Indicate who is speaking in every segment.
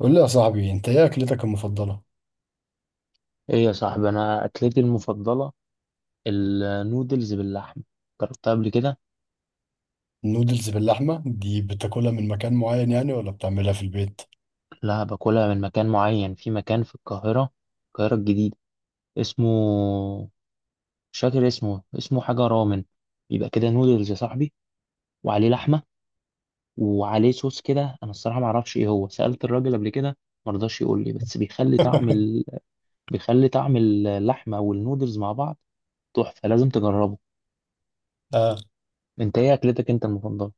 Speaker 1: قول لي يا صاحبي، انت ايه اكلتك المفضله؟
Speaker 2: ايه يا صاحبي، انا اكلتي المفضله النودلز باللحمه. جربتها قبل كده.
Speaker 1: النودلز باللحمه دي بتاكلها من مكان معين يعني ولا بتعملها في البيت؟
Speaker 2: لا، باكلها من مكان معين، في مكان في القاهره، القاهره الجديده. اسمه مش فاكر اسمه حاجه رامن. يبقى كده نودلز يا صاحبي، وعليه لحمه، وعليه صوص كده. انا الصراحه ما اعرفش ايه هو، سالت الراجل قبل كده ما رضاش يقول لي. بس بيخلي طعم بيخلي طعم اللحمه والنودلز مع بعض. تحفه، لازم تجربه.
Speaker 1: آه.
Speaker 2: انت ايه اكلتك انت المفضله؟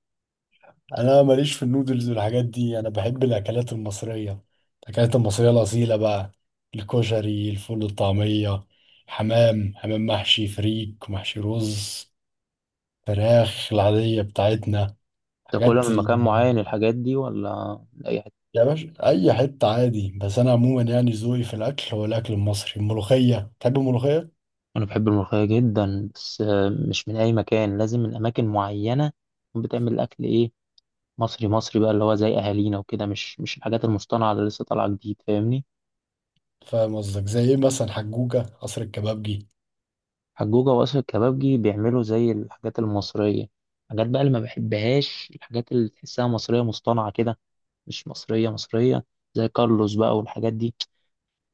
Speaker 1: انا ماليش في النودلز والحاجات دي، انا بحب الاكلات المصريه، الاكلات المصريه الاصيله بقى: الكشري، الفول، الطعميه، حمام، حمام محشي، فريك محشي، رز، فراخ العاديه بتاعتنا،
Speaker 2: تاكلها
Speaker 1: حاجات
Speaker 2: من
Speaker 1: ال...
Speaker 2: مكان معين الحاجات دي ولا من اي حته؟
Speaker 1: يا باشا اي حته عادي، بس انا عموما يعني ذوقي في الاكل هو الاكل المصري. الملوخيه، تحب الملوخيه؟
Speaker 2: أنا بحب الملوخية جدا، بس مش من أي مكان، لازم من أماكن معينة تكون بتعمل أكل إيه، مصري مصري بقى، اللي هو زي أهالينا وكده. مش الحاجات المصطنعة اللي لسه طالعة جديد، فاهمني؟
Speaker 1: فاهم قصدك، زي ايه مثلا؟ حجوجة قصر الكبابجي؟
Speaker 2: حجوجة وأسر الكبابجي بيعملوا زي الحاجات المصرية. الحاجات بقى اللي ما بحبهاش، الحاجات اللي تحسها مصرية مصطنعة كده، مش مصرية مصرية. زي كارلوس بقى والحاجات دي،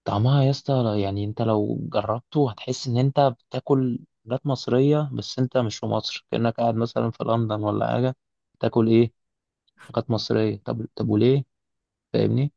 Speaker 2: طعمها يا اسطى، يعني انت لو جربته هتحس ان انت بتاكل حاجات مصرية، بس انت مش في مصر، كأنك قاعد مثلا في لندن ولا حاجة. تاكل ايه؟ حاجات مصرية؟ طب وليه؟ فاهمني؟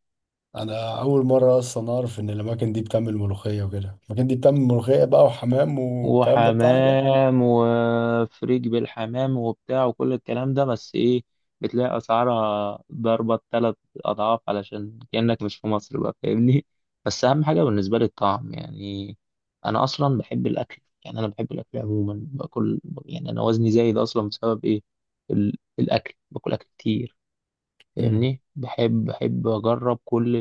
Speaker 1: انا اول مرة اصلا اعرف ان الاماكن دي بتعمل ملوخية وكده، الاماكن دي بتعمل ملوخية بقى وحمام والكلام ده بتاعنا ده؟
Speaker 2: وحمام وفريج بالحمام وبتاع وكل الكلام ده، بس ايه، بتلاقي اسعارها ضربة 3 اضعاف، علشان كأنك مش في مصر بقى، فاهمني؟ بس اهم حاجة بالنسبة لي الطعم يعني. انا اصلا بحب الاكل يعني، انا بحب الاكل عموما، باكل يعني، انا وزني زايد اصلا بسبب ايه؟ الاكل، باكل اكل كتير،
Speaker 1: امم
Speaker 2: فاهمني؟ بحب اجرب كل،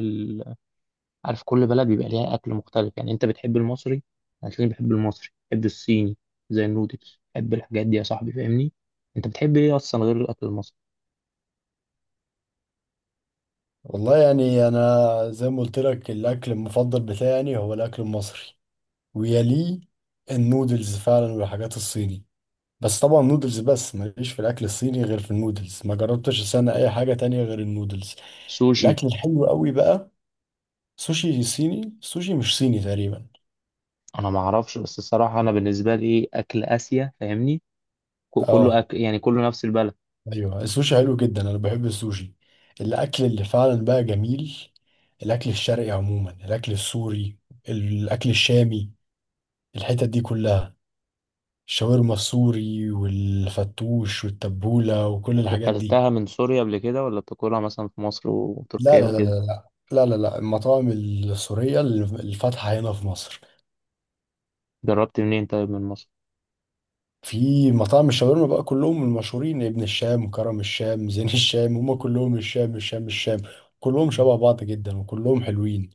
Speaker 2: عارف كل بلد بيبقى ليها اكل مختلف. يعني انت بتحب المصري، هتلاقيني بحب المصري، بحب الصيني زي النودلز، بحب الحاجات دي يا صاحبي، فاهمني؟ انت بتحب ايه اصلا غير الاكل المصري؟
Speaker 1: والله يعني انا زي ما قلت لك الاكل المفضل بتاعي يعني هو الاكل المصري، ويليه النودلز فعلا والحاجات الصيني. بس طبعا نودلز بس، ماليش في الاكل الصيني غير في النودلز، ما جربتش السنة اي حاجة تانية غير النودلز.
Speaker 2: سوشي؟
Speaker 1: الاكل الحلو قوي بقى سوشي صيني، سوشي مش صيني تقريبا.
Speaker 2: انا ما اعرفش، بس الصراحه انا بالنسبه لي ايه، اكل اسيا فاهمني،
Speaker 1: اه،
Speaker 2: كله أكل يعني، كله نفس البلد.
Speaker 1: ايوه السوشي حلو جدا، انا بحب السوشي. الاكل اللي فعلا بقى جميل، الاكل الشرقي عموما، الاكل السوري، الاكل الشامي، الحتت دي كلها، الشاورما السوري والفتوش والتبولة وكل الحاجات دي.
Speaker 2: اكلتها من سوريا قبل كده ولا بتاكلها مثلا في مصر
Speaker 1: لا
Speaker 2: وتركيا
Speaker 1: لا لا لا،
Speaker 2: وكده؟
Speaker 1: لا لا لا لا. المطاعم السورية اللي فاتحة هنا في مصر،
Speaker 2: جربت منين طيب، من مصر؟
Speaker 1: في مطاعم الشاورما بقى، كلهم المشهورين: ابن الشام، كرم الشام، زين الشام، هما كلهم الشام الشام الشام، كلهم
Speaker 2: مم.
Speaker 1: شبه بعض جدا وكلهم حلوين.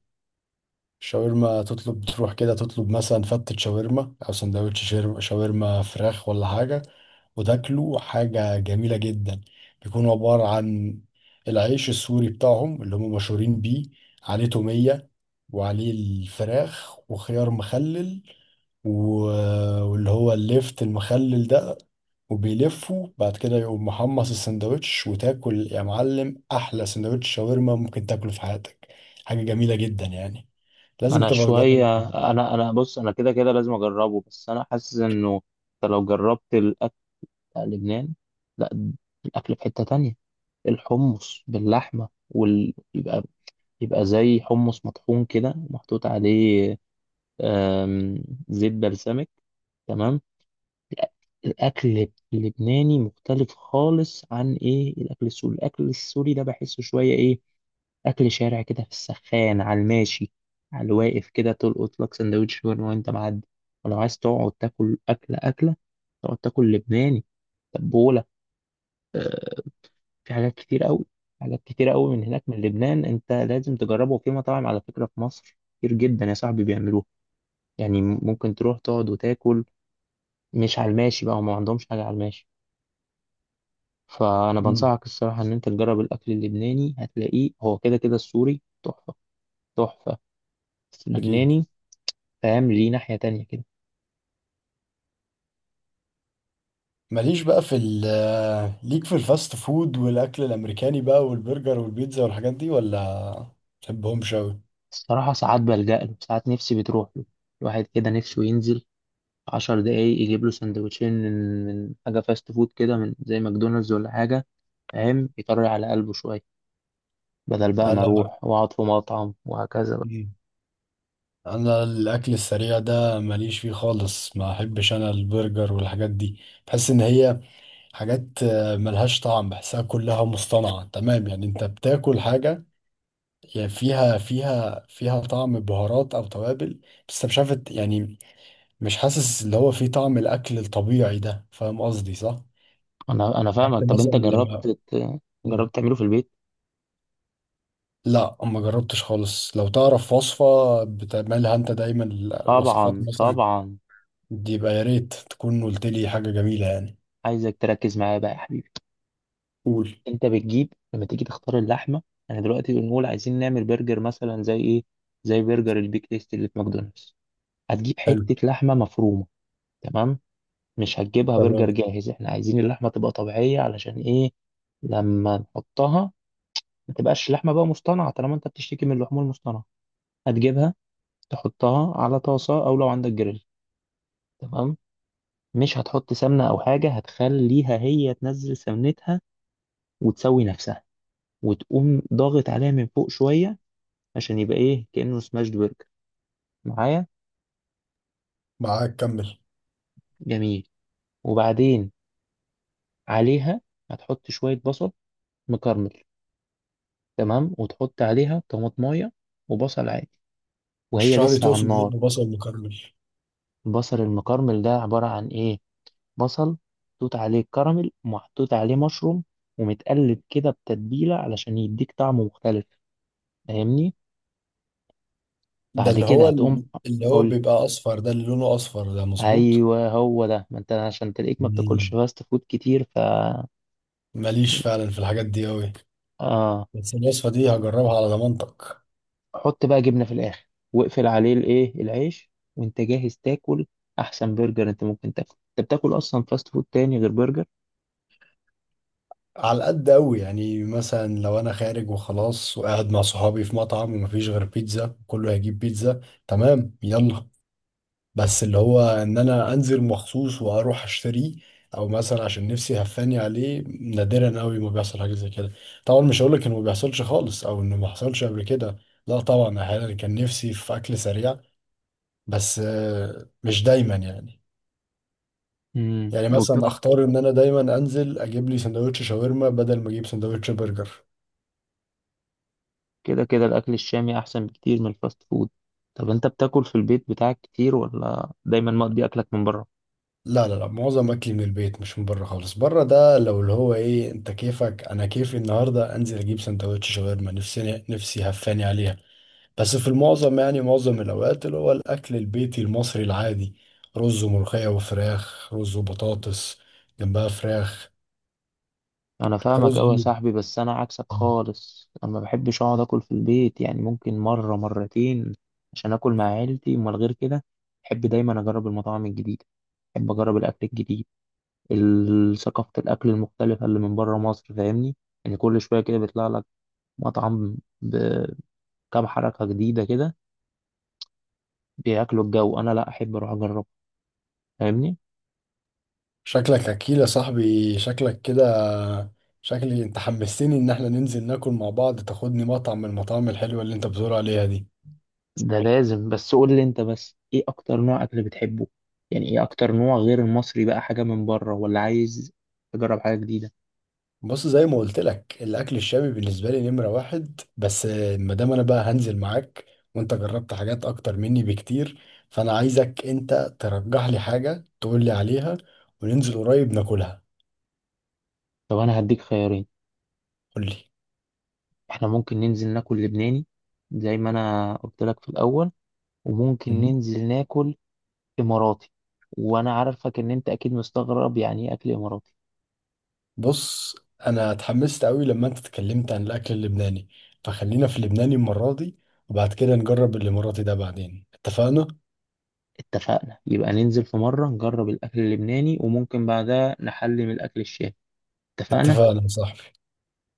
Speaker 1: شاورما تطلب، تروح كده تطلب مثلا فتة شاورما أو سندوتش شاورما فراخ ولا حاجة، وتاكله حاجة جميلة جدا. بيكون عبارة عن العيش السوري بتاعهم اللي هم مشهورين بيه، عليه تومية، وعليه الفراخ وخيار مخلل واللي هو الليفت المخلل ده، وبيلفه بعد كده، يقوم محمص السندوتش، وتاكل يا معلم احلى سندوتش شاورما ممكن تاكله في حياتك. حاجه جميله جدا يعني، لازم
Speaker 2: انا
Speaker 1: تبقى تجربه.
Speaker 2: شويه، انا بص، انا كده كده لازم اجربه، بس انا حاسس انه انت لو جربت لا لبنان، لا، الأكل في حتة تانية. الحمص باللحمة يبقى زي حمص مطحون كده محطوط عليه، آم، زيت بلسمك، تمام. الأكل اللبناني مختلف خالص عن إيه، الأكل السوري. الأكل السوري ده بحسه شوية إيه، أكل شارع كده، في السخان، على الماشي، على الواقف كده، تلقط لك سندوتش شاورما وأنت معدي. ولو عايز تقعد تاكل أكلة أكلة، تقعد تاكل لبناني، تبولة، في حاجات كتير قوي، حاجات كتير قوي من هناك من لبنان. انت لازم تجربه. وفي مطاعم على فكرة في مصر كتير جدا يا صاحبي بيعملوها، يعني ممكن تروح تقعد وتاكل، مش على الماشي بقى، وما عندهمش حاجة على الماشي. فانا
Speaker 1: مم.
Speaker 2: بنصحك الصراحة ان انت تجرب الاكل اللبناني، هتلاقيه هو كده كده. السوري تحفة تحفة، بس
Speaker 1: اكيد.
Speaker 2: اللبناني فاهم ليه ناحية تانية كده.
Speaker 1: ماليش بقى في ال آه، ليك في الفاست فود والاكل الامريكاني بقى، والبرجر والبيتزا والحاجات دي، ولا تحبهمش اوي؟
Speaker 2: الصراحة ساعات بلجأ له، ساعات نفسي بتروح له، الواحد كده نفسه ينزل 10 دقايق يجيب له سندوتشين من حاجة فاست فود كده، من زي ماكدونالدز ولا حاجة، فاهم، يطري على قلبه شوية، بدل بقى ما
Speaker 1: انا
Speaker 2: أروح وأقعد في مطعم وهكذا بقى.
Speaker 1: مم. انا الاكل السريع ده ماليش فيه خالص، ما احبش انا البرجر والحاجات دي، بحس ان هي حاجات، ملهاش طعم، بحسها كلها مصطنعة تمام. يعني انت بتاكل حاجة، يعني فيها طعم بهارات او توابل، بس انت مش عارف يعني، مش حاسس اللي هو فيه طعم الاكل الطبيعي ده. فاهم قصدي صح؟
Speaker 2: أنا
Speaker 1: عكس
Speaker 2: فاهمك. طب
Speaker 1: مثلا
Speaker 2: أنت
Speaker 1: لما.
Speaker 2: جربت
Speaker 1: مم.
Speaker 2: جربت تعمله في البيت؟
Speaker 1: لا، ما جربتش خالص. لو تعرف وصفة بتعملها انت دايما، الوصفات
Speaker 2: طبعا
Speaker 1: مثلا
Speaker 2: طبعا.
Speaker 1: دي، يبقى يا ريت تكون قلت لي حاجة جميلة يعني.
Speaker 2: عايزك تركز معايا بقى يا حبيبي.
Speaker 1: قول.
Speaker 2: أنت بتجيب لما تيجي تختار اللحمة، أنا دلوقتي بنقول عايزين نعمل برجر مثلا زي إيه؟ زي برجر البيك تيست اللي في ماكدونالدز. هتجيب
Speaker 1: حلو.
Speaker 2: حتة لحمة مفرومة، تمام؟ مش هتجيبها
Speaker 1: تمام.
Speaker 2: برجر جاهز، احنا عايزين اللحمة تبقى طبيعية، علشان ايه، لما نحطها ما تبقاش لحمة بقى مصطنعة، طالما انت بتشتكي من اللحوم المصطنعة. هتجيبها، تحطها على طاسة او لو عندك جريل، تمام، مش هتحط سمنة او حاجة، هتخليها هي تنزل سمنتها وتسوي نفسها، وتقوم ضاغط عليها من فوق شوية، عشان يبقى ايه كأنه سماشد برجر، معايا؟
Speaker 1: معاك، كمل.
Speaker 2: جميل. وبعدين عليها هتحط شوية بصل مكرمل، تمام، وتحط عليها طماطمايه وبصل عادي، وهي
Speaker 1: اشرح لي،
Speaker 2: لسه على
Speaker 1: تقصد ايه
Speaker 2: النار.
Speaker 1: ببصل مكرمل؟
Speaker 2: البصل المكرمل ده عبارة عن إيه؟ بصل محطوط عليه الكراميل ومحطوط عليه مشروم، ومتقلب كده بتتبيلة، علشان يديك طعم مختلف، فاهمني؟
Speaker 1: ده
Speaker 2: بعد
Speaker 1: اللي
Speaker 2: كده
Speaker 1: هو
Speaker 2: هتقوم،
Speaker 1: اللي هو
Speaker 2: قول.
Speaker 1: بيبقى اصفر ده؟ اللي لونه اصفر ده، مظبوط.
Speaker 2: أيوه هو ده، ما أنت عشان تلاقيك ما بتاكلش
Speaker 1: مم.
Speaker 2: فاست فود كتير، ف
Speaker 1: ماليش فعلا في الحاجات دي قوي،
Speaker 2: آه،
Speaker 1: بس الوصفه دي هجربها على ضمانتك.
Speaker 2: حط بقى جبنة في الآخر، واقفل عليه الإيه، العيش، وأنت جاهز تاكل. أحسن برجر أنت ممكن تاكل. أنت بتاكل أصلا فاست فود تاني غير برجر؟
Speaker 1: على قد قوي، يعني مثلا لو انا خارج وخلاص وقاعد مع صحابي في مطعم ومفيش غير بيتزا، كله هيجيب بيتزا. تمام، يلا. بس اللي هو ان انا انزل مخصوص واروح اشتريه، او مثلا عشان نفسي هفاني عليه، نادرا قوي ما بيحصل حاجه زي كده. طبعا مش هقول لك انه ما بيحصلش خالص او انه ما حصلش قبل كده، لا طبعا، احيانا كان نفسي في اكل سريع، بس، مش دايما يعني.
Speaker 2: امم.
Speaker 1: يعني مثلا اختار ان انا دايما انزل اجيب لي سندوتش شاورما بدل ما اجيب سندوتش برجر.
Speaker 2: كده كده الأكل الشامي أحسن بكتير من الفاست فود. طب أنت بتاكل في البيت بتاعك كتير ولا دايما مقضي أكلك من بره؟
Speaker 1: لا لا لا، معظم اكلي من البيت، مش من بره خالص. بره ده لو اللي هو ايه، انت كيفك انا كيفي، النهارده انزل اجيب سندوتش شاورما، نفسي نفسي هفاني عليها. بس في المعظم يعني معظم الأوقات اللي هو الأكل البيتي المصري العادي: رز وملوخية وفراخ، رز وبطاطس جنبها فراخ،
Speaker 2: أنا فاهمك
Speaker 1: رز
Speaker 2: أوي يا
Speaker 1: و-
Speaker 2: صاحبي، بس أنا عكسك خالص، أنا ما بحبش أقعد أكل في البيت، يعني ممكن مرة مرتين عشان أكل مع عيلتي، أمال غير كده بحب دايما أجرب المطاعم الجديدة، بحب أجرب الأكل الجديد، ثقافة الأكل المختلفة اللي من بره مصر، فاهمني؟ يعني كل شوية كده بيطلع لك مطعم بكام حركة جديدة كده، بياكلوا الجو. أنا لأ، أحب أروح أجرب، فاهمني؟
Speaker 1: شكلك أكيل يا صاحبي، شكلك كده. شكلي أنت حمستني إن احنا ننزل ناكل مع بعض، تاخدني مطعم من المطاعم الحلوة اللي أنت بتقول عليها دي.
Speaker 2: ده لازم، بس قول لي انت بس، ايه اكتر نوع اكل بتحبه؟ يعني ايه اكتر نوع غير المصري بقى، حاجة من بره ولا عايز تجرب حاجة جديدة؟
Speaker 1: بص زي ما قلت لك، الاكل الشامي بالنسبه لي نمره واحد. بس ما دام انا بقى هنزل معاك، وانت جربت حاجات اكتر مني بكتير، فانا عايزك انت ترجح لي حاجه تقول لي عليها وننزل قريب ناكلها.
Speaker 2: طب انا هديك خيارين.
Speaker 1: قول لي.
Speaker 2: احنا ممكن ننزل ناكل لبناني زي ما انا قلت لك في الاول، وممكن
Speaker 1: مم.
Speaker 2: ننزل ناكل اماراتي، وانا عارفك ان انت اكيد مستغرب يعني ايه اكل اماراتي.
Speaker 1: بص، انا اتحمست قوي لما انت اتكلمت عن الاكل اللبناني، فخلينا في اللبناني المره دي، وبعد كده نجرب الاماراتي ده بعدين. اتفقنا؟
Speaker 2: اتفقنا يبقى ننزل في مرة نجرب الاكل اللبناني، وممكن بعدها نحلي من الاكل الشامي. اتفقنا.
Speaker 1: اتفقنا يا صاحبي.